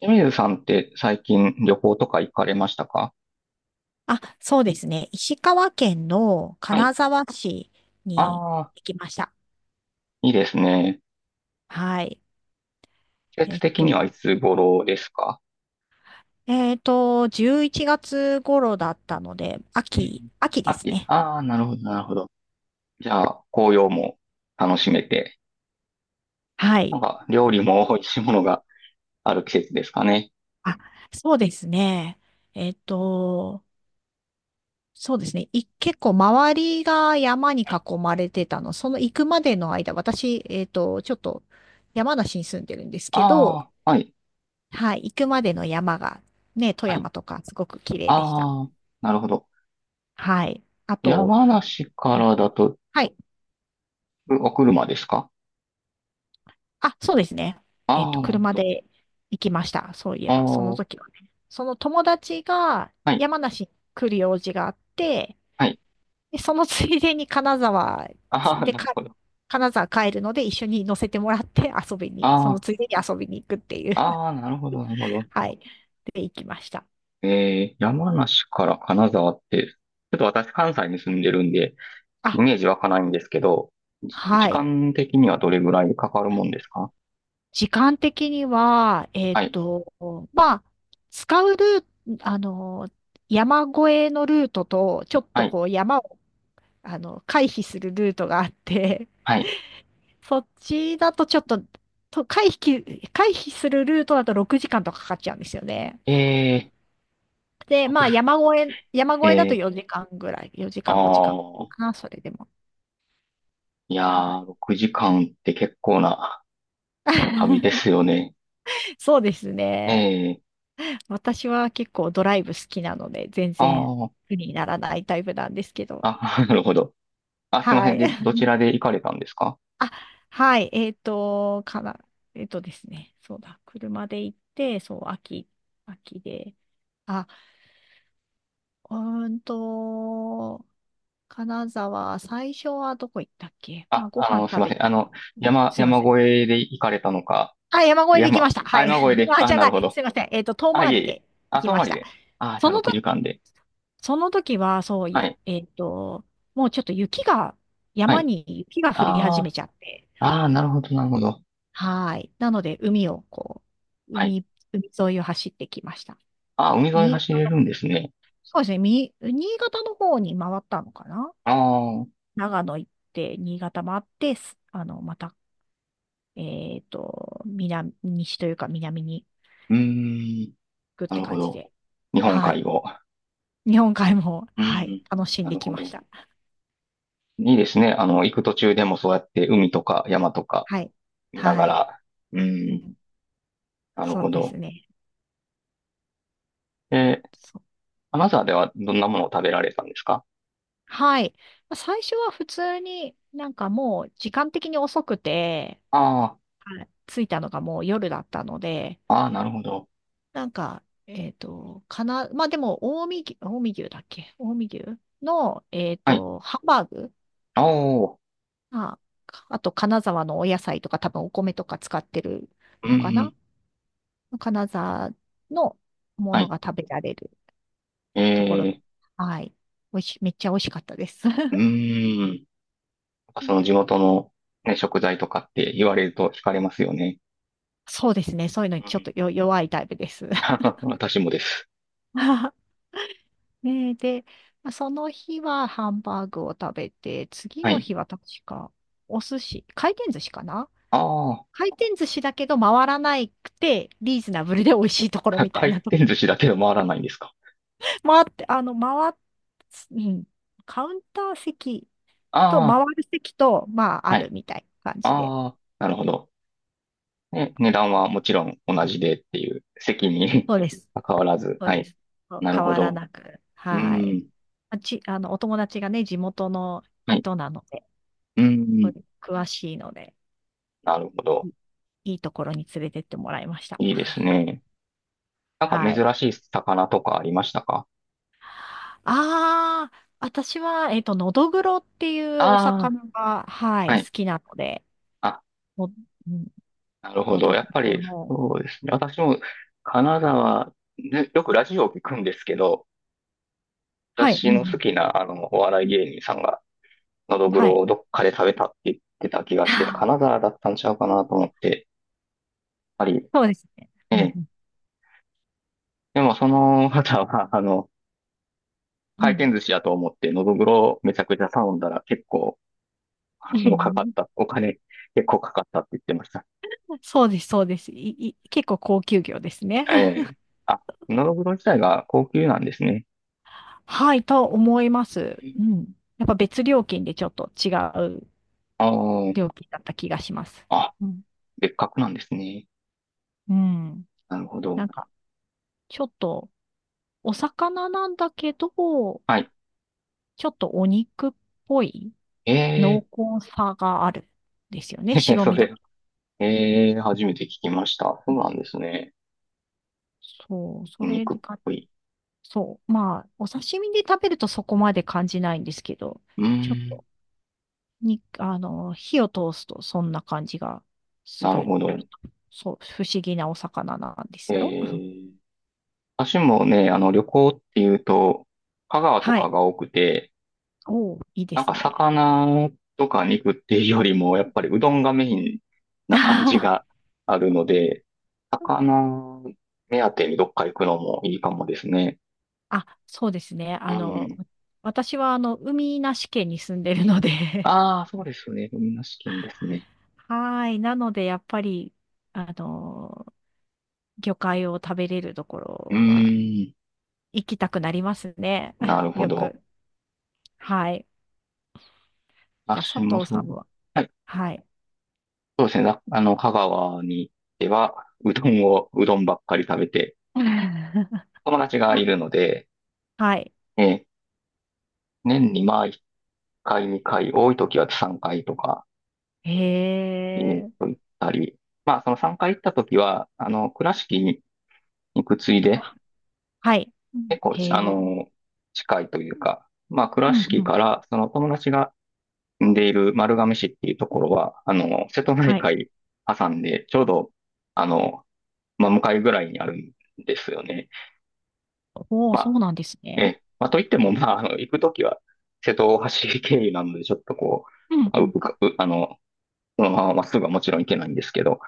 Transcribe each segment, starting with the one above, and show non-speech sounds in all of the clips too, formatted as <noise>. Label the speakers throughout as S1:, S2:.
S1: 清水さんって最近旅行とか行かれましたか？
S2: あ、そうですね。石川県の
S1: はい。
S2: 金沢市に
S1: ああ、
S2: 行きました。
S1: いいですね。
S2: はい。
S1: 季
S2: え
S1: 節
S2: っ
S1: 的
S2: と、
S1: にはいつ頃ですか？
S2: 11月頃だったので、
S1: うん、
S2: 秋です
S1: 秋。
S2: ね。
S1: ああ、なるほど、なるほど。じゃあ、紅葉も楽しめて、
S2: は
S1: な
S2: い。
S1: んか料理も美味しいものがある季節ですかね。
S2: あ、そうですね。えっと、そうですね。結構周りが山に
S1: はい。
S2: 囲まれてたの。その行くまでの間、私、ちょっと山梨に住んでるんですけど、
S1: ああ、はい、
S2: はい。行くまでの山が、ね、富
S1: はい。
S2: 山とかすごく綺麗でした。
S1: ああ、なるほど。
S2: はい。あと、
S1: 山梨からだと、
S2: はい。
S1: 車ですか？
S2: あ、そうですね。えっ
S1: あ
S2: と、
S1: あ、なる
S2: 車
S1: ほど。
S2: で行きました。そういえ
S1: あ
S2: ば、その時はね。その友達が
S1: あ、はい、
S2: 山梨に来る用事があって、
S1: はい。
S2: で、そのついでに
S1: ああ、
S2: で
S1: なる
S2: か、
S1: ほど。
S2: 金沢帰るので一緒に乗せてもらって遊びに、その
S1: あ
S2: ついでに遊びに行くっていう。
S1: あ、ああ、なるほど、なるほ
S2: <laughs>
S1: ど。
S2: はい。で、行きました。
S1: 山梨から金沢って、ちょっと私関西に住んでるんで、イ
S2: あ、
S1: メージ湧かないんですけど、時
S2: はい。
S1: 間的にはどれぐらいかかるもんですか？
S2: 時間的には、
S1: はい、
S2: まあ、使うルート、あの、山越えのルートと、ちょっ
S1: は
S2: と
S1: い、
S2: こう山を、あの、回避するルートがあって、
S1: はい。
S2: そっちだとちょっと、回避するルートだと6時間とかかかっちゃうんですよね。
S1: え
S2: で、
S1: ー、
S2: ま
S1: 国
S2: あ
S1: 内、
S2: 山越え、山越えだ
S1: え
S2: と
S1: ー、
S2: 4時間ぐらい、4
S1: あ
S2: 時間5時間か
S1: ー、
S2: んかな、それでも。
S1: いや
S2: はい。
S1: ー、6時間って結構な旅で
S2: <laughs>
S1: すよね。
S2: そうです
S1: え
S2: ね。
S1: ー、
S2: 私は結構ドライブ好きなので、全
S1: あ
S2: 然
S1: ー、
S2: 苦にならないタイプなんですけど。
S1: あ、<laughs> なるほど。あ、すいませ
S2: は
S1: ん。
S2: い。
S1: で、どち
S2: <laughs>
S1: らで行かれたんですか？
S2: あ、はい。えっとですね。そうだ。車で行って、そう、秋で。あ、うーんと、金沢、最初はどこ行ったっけ。まあ、
S1: あ、
S2: ご
S1: あ
S2: 飯
S1: の、すい
S2: 食
S1: ま
S2: べ
S1: せん。あ
S2: た。
S1: の、
S2: うん、
S1: 山、
S2: すいま
S1: 山
S2: せん。
S1: 越えで行かれたのか、
S2: あ、山越えで行きま
S1: 山、
S2: した。
S1: あ、
S2: はい。
S1: 山越え
S2: <laughs>
S1: で、
S2: あ、
S1: あ、
S2: じゃ
S1: な
S2: な
S1: るほ
S2: い。
S1: ど。
S2: すいません。えっと、遠
S1: あ、
S2: 回
S1: い
S2: り
S1: えい
S2: で
S1: え。
S2: 行
S1: あ、
S2: き
S1: 泊
S2: まし
S1: 回り
S2: た。
S1: で。あ、じ
S2: そ
S1: ゃあ
S2: の
S1: 6
S2: 時
S1: 時間で。
S2: その時は、そうい
S1: は
S2: や、
S1: い。
S2: えっと、もうちょっと雪が、
S1: は
S2: 山
S1: い。
S2: に雪が降り
S1: あ
S2: 始め
S1: あ、
S2: ちゃって、
S1: ああ、なるほど、なるほど。
S2: はい。なので、海をこう、
S1: はい。
S2: 海、海沿いを走ってきました。
S1: ああ、海沿い
S2: 新
S1: 走れ
S2: 潟、
S1: るんですね。
S2: そうですね、新潟の方に回ったのかな。
S1: ああ、う
S2: 長野行って、新潟回って、あの、また、えっと、南、西というか南に
S1: ーん。
S2: 行くっ
S1: な
S2: て
S1: るほ
S2: 感じ
S1: ど。
S2: で、
S1: 日本
S2: はい。
S1: 海を。
S2: 日本海も、
S1: う
S2: は
S1: ー
S2: い、
S1: ん。
S2: 楽しん
S1: な
S2: で
S1: る
S2: き
S1: ほ
S2: まし
S1: ど。
S2: た。
S1: いいですね。あの、行く途中でもそうやって海とか山とか
S2: はい。
S1: 見なが
S2: はい。
S1: ら。う
S2: う
S1: ーん。
S2: ん、
S1: なる
S2: そう
S1: ほ
S2: です
S1: ど。
S2: ね。
S1: えー、アナザーではどんなものを食べられたんですか？
S2: はい。まあ最初は普通になんかもう時間的に遅くて、
S1: あ
S2: はい、着いたのがもう夜だったので、
S1: あ、ああ、なるほど。
S2: まあでも、近江牛の、えっ
S1: はい。
S2: と、ハンバーグ、
S1: おー。
S2: あ、あと金沢のお野菜とか多分お米とか使ってる
S1: うんう
S2: のかな。
S1: ん。
S2: 金沢のも
S1: は
S2: の
S1: い。
S2: が食べられる
S1: え
S2: ところ。
S1: ー、
S2: はい。おいし、めっちゃ美味しかったです。
S1: うーん。なんかその地
S2: <laughs>
S1: 元の、ね、食材とかって言われると惹かれますよね。
S2: そうですね。そういうのに
S1: う
S2: ちょっ
S1: ん。
S2: と弱いタイプです。
S1: <laughs> 私もです。
S2: <laughs> ねえ、で、まあその日はハンバーグを食べて、次
S1: は
S2: の
S1: い。
S2: 日は確かお寿司、回転寿司かな。
S1: ああ、
S2: 回転寿司だけど回らなくて、リーズナブルで美味しいところみたい
S1: 回
S2: なと。
S1: 転寿司だけど回らないんですか。
S2: <laughs> 回って、あの、回っ、うん、カウンター席と
S1: あ
S2: 回る席と、まあ、
S1: あ、
S2: あ
S1: は
S2: る
S1: い。
S2: みたいな感じで。
S1: ああ、なるほど。ね、値段はもちろん同じでっていう、席に
S2: そうです。
S1: <laughs> 関わらず。
S2: そう
S1: は
S2: で
S1: い。
S2: す。そう
S1: なる
S2: 変
S1: ほ
S2: わら
S1: ど。
S2: なく。
S1: う
S2: はい。
S1: ん。
S2: まあち、あの、お友達がね、地元の
S1: はい。
S2: 人なので、
S1: う
S2: そう
S1: ん。
S2: です、詳しいので。
S1: なるほど。
S2: いいところに連れてってもらいました。
S1: いいです
S2: <laughs>
S1: ね。なんか
S2: は
S1: 珍
S2: い。
S1: しい魚とかありましたか？
S2: ああ、私は、えっと、のどぐろっていう
S1: あ
S2: お
S1: あ
S2: 魚が、は
S1: ー、は
S2: い、好
S1: い。
S2: きなので、
S1: あ、
S2: の、うん、
S1: なるほ
S2: の
S1: ど。
S2: ど
S1: や
S2: ぐ
S1: っぱ
S2: ろ
S1: り、
S2: の、
S1: そうですね。私も金沢、ね、よくラジオを聞くんですけど、
S2: はい、
S1: 私
S2: うんう
S1: の好
S2: ん、
S1: きなあのお笑い芸人さんが、のどぐ
S2: は
S1: ろ
S2: い。
S1: をどっかで食べたって言ってた気がして、金
S2: <laughs>
S1: 沢だったんちゃうかなと思って、やっぱり、
S2: そうですね。
S1: え
S2: うん
S1: え。
S2: うん、
S1: でもその方は、あの、回転寿司やと思って、のどぐろをめちゃくちゃ頼んだら結構、あ
S2: うん
S1: の、かかっ
S2: うん。
S1: た。お金結構かかったって言ってました。
S2: <laughs> そうです、そうです。結構高級魚ですね。
S1: え
S2: <laughs>
S1: え。あ、のどぐろ自体が高級なんですね。
S2: はい、と思います。うん。やっぱ別料金でちょっと違う
S1: あ
S2: 料金だった気がします。
S1: あ、あ、
S2: うん。
S1: 別格なんですね。
S2: うん。
S1: なるほど。
S2: なんか、ちょっと、お魚なんだけど、
S1: はい。
S2: ちょっとお肉っぽい
S1: え
S2: 濃厚さがあるんですよ
S1: ー、
S2: ね。
S1: <laughs>
S2: 白
S1: そ
S2: 身だ。
S1: れ、えー、初めて聞きました。そうなんですね。
S2: そう、そ
S1: お
S2: れ
S1: 肉っ
S2: が、
S1: ぽい。
S2: そう。まあ、お刺身で食べるとそこまで感じないんですけど、
S1: うー
S2: ちょっ
S1: ん、
S2: と、に、あの、火を通すとそんな感じがす
S1: なる
S2: る。
S1: ほど。
S2: ちょっとそう、不思議なお魚なんで
S1: え
S2: すよ。
S1: ー、私もね、あの、旅行っていうと、香川と
S2: は
S1: か
S2: い。
S1: が多くて、
S2: おー、いいで
S1: なん
S2: す
S1: か
S2: ね。
S1: 魚とか肉っていうよりも、やっぱりうどんがメインな感じが
S2: <laughs>
S1: あるので、魚目当てにどっか行くのもいいかもですね。
S2: あ、そうですね。
S1: うん。
S2: 私はあの、海なし県に住んでるので、
S1: ああ、そうですね。海なし県ですね。
S2: はい。なので、やっぱり、あの、魚介を食べれるとこ
S1: う
S2: ろは
S1: ーん。
S2: 行きたくなりますね。
S1: な
S2: <laughs>
S1: るほ
S2: よ
S1: ど。
S2: く。はい。か、佐
S1: 私も
S2: 藤
S1: そ
S2: さん
S1: う。
S2: は。
S1: はい。
S2: はい。
S1: そうですね。あの、香川に行っては、うどんを、うどんばっかり食べて、
S2: <laughs>
S1: 友達がいるので、
S2: はい。
S1: えー、年にまあ1回、2回、多い時は3回とか、
S2: へ
S1: イベント
S2: え。
S1: 行ったり、まあその3回行った時は、あの、倉敷に行くついで、
S2: あ、はい。うん、
S1: 結構、
S2: へ
S1: あ
S2: え。
S1: の、近いというか、まあ
S2: う
S1: 倉
S2: ん
S1: 敷
S2: う
S1: か
S2: ん。
S1: ら、その友達が住んでいる丸亀市っていうところは、あの、瀬戸内
S2: はい。
S1: 海挟んで、ちょうど、あの、まあ、向かいぐらいにあるんですよね。
S2: おお、
S1: ま
S2: そ
S1: あ、
S2: うなんです
S1: え
S2: ね。
S1: え。まあ、といっても、まあ、あの、行くときは、瀬戸大橋経由なので、ちょっとこう、
S2: うん
S1: あ、
S2: う
S1: う
S2: ん。
S1: うかうあの、そのまままっすぐはもちろん行けないんですけど、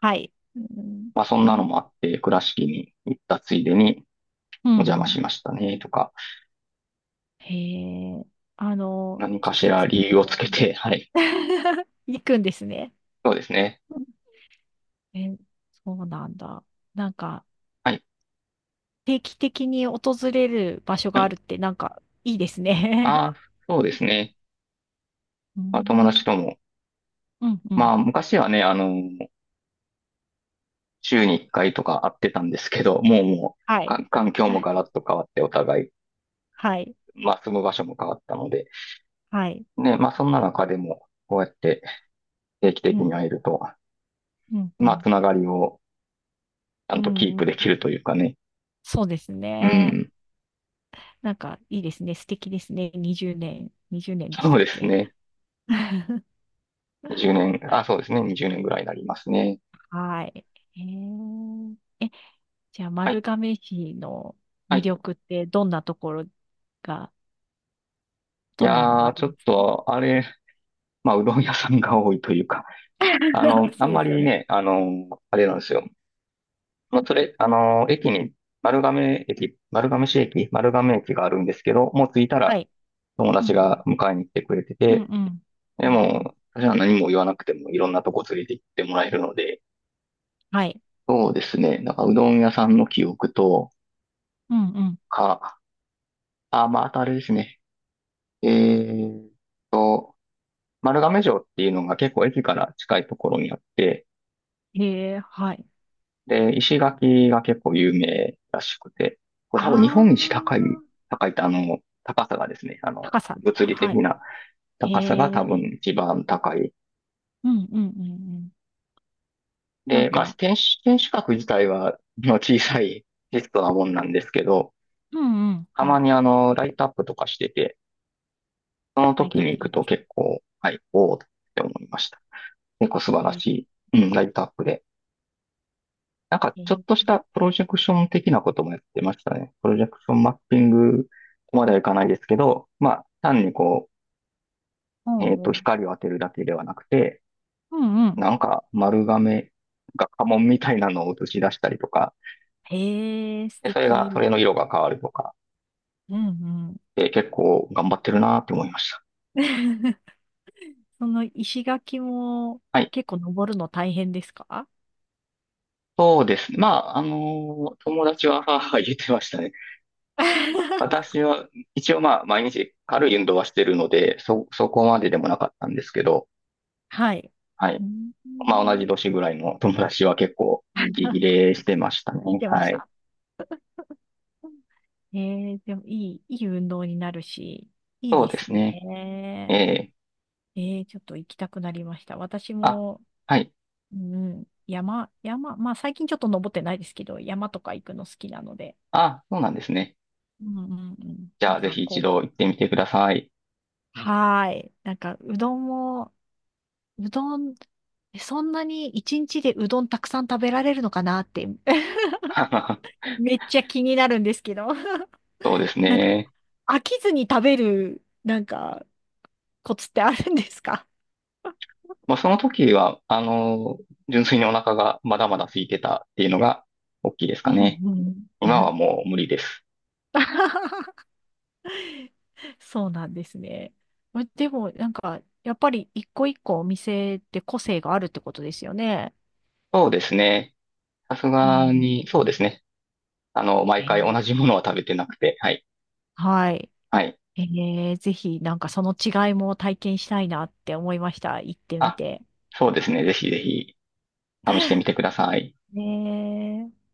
S2: はい。うん、
S1: まあ、そんな
S2: へ
S1: の
S2: え。
S1: もあって、倉敷に行ったついでに
S2: うん
S1: お邪魔
S2: うん。
S1: しましたね、とか、
S2: へえ。あの、
S1: 何か
S2: 季
S1: しら
S2: 節、
S1: 理由をつけ
S2: うん。
S1: て、<laughs> はい。
S2: <laughs> 行くんですね。
S1: そうですね。
S2: え、そうなんだ。なんか、
S1: はい。
S2: 定期的に訪れる場所
S1: は
S2: があ
S1: い。
S2: るって、なんか、いいです
S1: ああ、
S2: ね。
S1: そうです
S2: <laughs>
S1: ね。
S2: う
S1: まあ、友
S2: ん、
S1: 達とも。
S2: うん、う
S1: ま
S2: ん。
S1: あ、昔はね、あの、週に1回とか会ってたんですけど、もうも
S2: は
S1: う、
S2: い。
S1: か環境もガラッと変わってお互い、
S2: はい。
S1: まあ、住む場所も変わったので、
S2: はい。
S1: ね、まあ、そんな中でも、こうやって定期
S2: う
S1: 的に
S2: ん、
S1: 会えると、
S2: うん、う
S1: まあ、
S2: ん。
S1: つながりをちゃ
S2: う
S1: んとキー
S2: ん、
S1: プできるというかね。
S2: そうです
S1: う
S2: ね。
S1: ん。
S2: なんか、いいですね。素敵ですね。20年でし
S1: そう
S2: たっ
S1: です
S2: け？
S1: ね。
S2: <laughs>
S1: 20年、あ、そうですね。20年ぐらいになりますね。
S2: はい。えー、じゃあ、
S1: はい。
S2: 丸亀市の
S1: は
S2: 魅
S1: い。
S2: 力ってどんなところが、
S1: い
S2: どんなのが
S1: やー、
S2: あ
S1: ち
S2: り
S1: ょ
S2: ま
S1: っ
S2: す？
S1: と、あれ、まあ、うどん屋さんが多いというか、あの、
S2: <laughs>
S1: あ
S2: そ
S1: ん
S2: うで
S1: ま
S2: すよ
S1: り
S2: ね。
S1: ね、あの、あれなんですよ。まあ、それ、あの、駅に、丸亀駅、丸亀市駅、丸亀駅があるんですけど、もう着いた
S2: は
S1: ら
S2: い。
S1: 友
S2: うんう
S1: 達が
S2: ん。
S1: 迎えに来てくれて
S2: うんう
S1: て、
S2: ん。う
S1: で
S2: んうん。
S1: も、私は何も言わなくてもいろんなとこ連れて行ってもらえるので、
S2: はい。
S1: そうですね。なんかうどん屋さんの記憶と
S2: うんうん。
S1: か、あ、まあ、あとあれですね。えーっと、丸亀城っていうのが結構駅から近いところにあって、
S2: へえ、はい。
S1: で、石垣が結構有名らしくて、これ
S2: あ
S1: 多分日
S2: ー、
S1: 本一高い、高いってあの、高さがですね、あの、
S2: 高さ。
S1: 物理
S2: は
S1: 的
S2: い。
S1: な
S2: へ
S1: 高さが多
S2: え、う
S1: 分
S2: ん
S1: 一番高い。
S2: うんうんうん。なん
S1: で、まあ、
S2: か、
S1: 天守、天守閣自体は、まあ、小さいテストなもんなんですけど、
S2: うんうん。
S1: た
S2: は
S1: ま
S2: い。
S1: にあの、ライトアップとかしてて、その
S2: ライ
S1: 時
S2: トアッ
S1: に行
S2: プい
S1: く
S2: い。
S1: と結構、はい、おおって思いました。結構素晴ら
S2: へ
S1: しい、うん、ライトアップで。なんか、
S2: え、へ
S1: ちょっ
S2: え、
S1: としたプロジェクション的なこともやってましたね。プロジェクションマッピングまではいかないですけど、まあ、単にこう、
S2: おうおう。
S1: 光を当てるだけではなくて、
S2: うんうん。
S1: なんか丸亀が家紋みたいなのを映し出したりとか、
S2: へえ、素
S1: で、それが、そ
S2: 敵。
S1: れの色が変わるとか、
S2: うんうん。
S1: で、結構頑張ってるなって思いました。
S2: <laughs> その石垣も
S1: はい。
S2: 結構登るの大変ですか？
S1: そうですね。まあ、あの友達は、はは言ってましたね。<laughs> あ、
S2: <laughs>
S1: 私は、一応まあ、毎日軽い運動はしてるので、そこまででもなかったんですけど、
S2: はい。
S1: はい。
S2: う
S1: まあ、同じ
S2: ん。
S1: 年ぐらいの友達は結構、息切
S2: <laughs>
S1: れしてましたね。
S2: してま
S1: は
S2: し
S1: い。
S2: た。えー、でもいい運動になるし、いい
S1: そう
S2: で
S1: で
S2: す
S1: すね。え
S2: ね。
S1: え、
S2: えー、ちょっと行きたくなりました。私
S1: あ、
S2: も、
S1: はい。
S2: うん、山、まあ最近ちょっと登ってないですけど、山とか行くの好きなので、
S1: あ、そうなんですね。
S2: うんうんうん。
S1: じ
S2: な
S1: ゃ
S2: ん
S1: あ、ぜ
S2: か
S1: ひ一
S2: こ
S1: 度行ってみてください。
S2: う、はーい。なんかうどんも、うどん、そんなに一日でうどんたくさん食べられるのかなって、<laughs>
S1: <laughs>
S2: めっちゃ気になるんですけど、<laughs>
S1: そうです
S2: なんか
S1: ね。
S2: 飽きずに食べる、なんか、コツってあるんですか？
S1: まあ、その時は、あの、純粋にお腹がまだまだ空いてたっていうのが、大きいです
S2: <laughs> う
S1: か
S2: ん
S1: ね。
S2: う
S1: 今
S2: ん。
S1: はもう無理です。
S2: <laughs> そうなんですね。までも、なんか、やっぱり一個一個お店って個性があるってことですよね。
S1: そうですね。さす
S2: う
S1: が
S2: ん。
S1: に、そうですね。あの、毎
S2: えー、
S1: 回同じものは食べてなくて、はい。
S2: はい。
S1: はい。
S2: えー、ぜひ、なんかその違いも体験したいなって思いました。行ってみ
S1: あ、
S2: て。
S1: そうですね。ぜひぜひ試してみてください。
S2: ねえ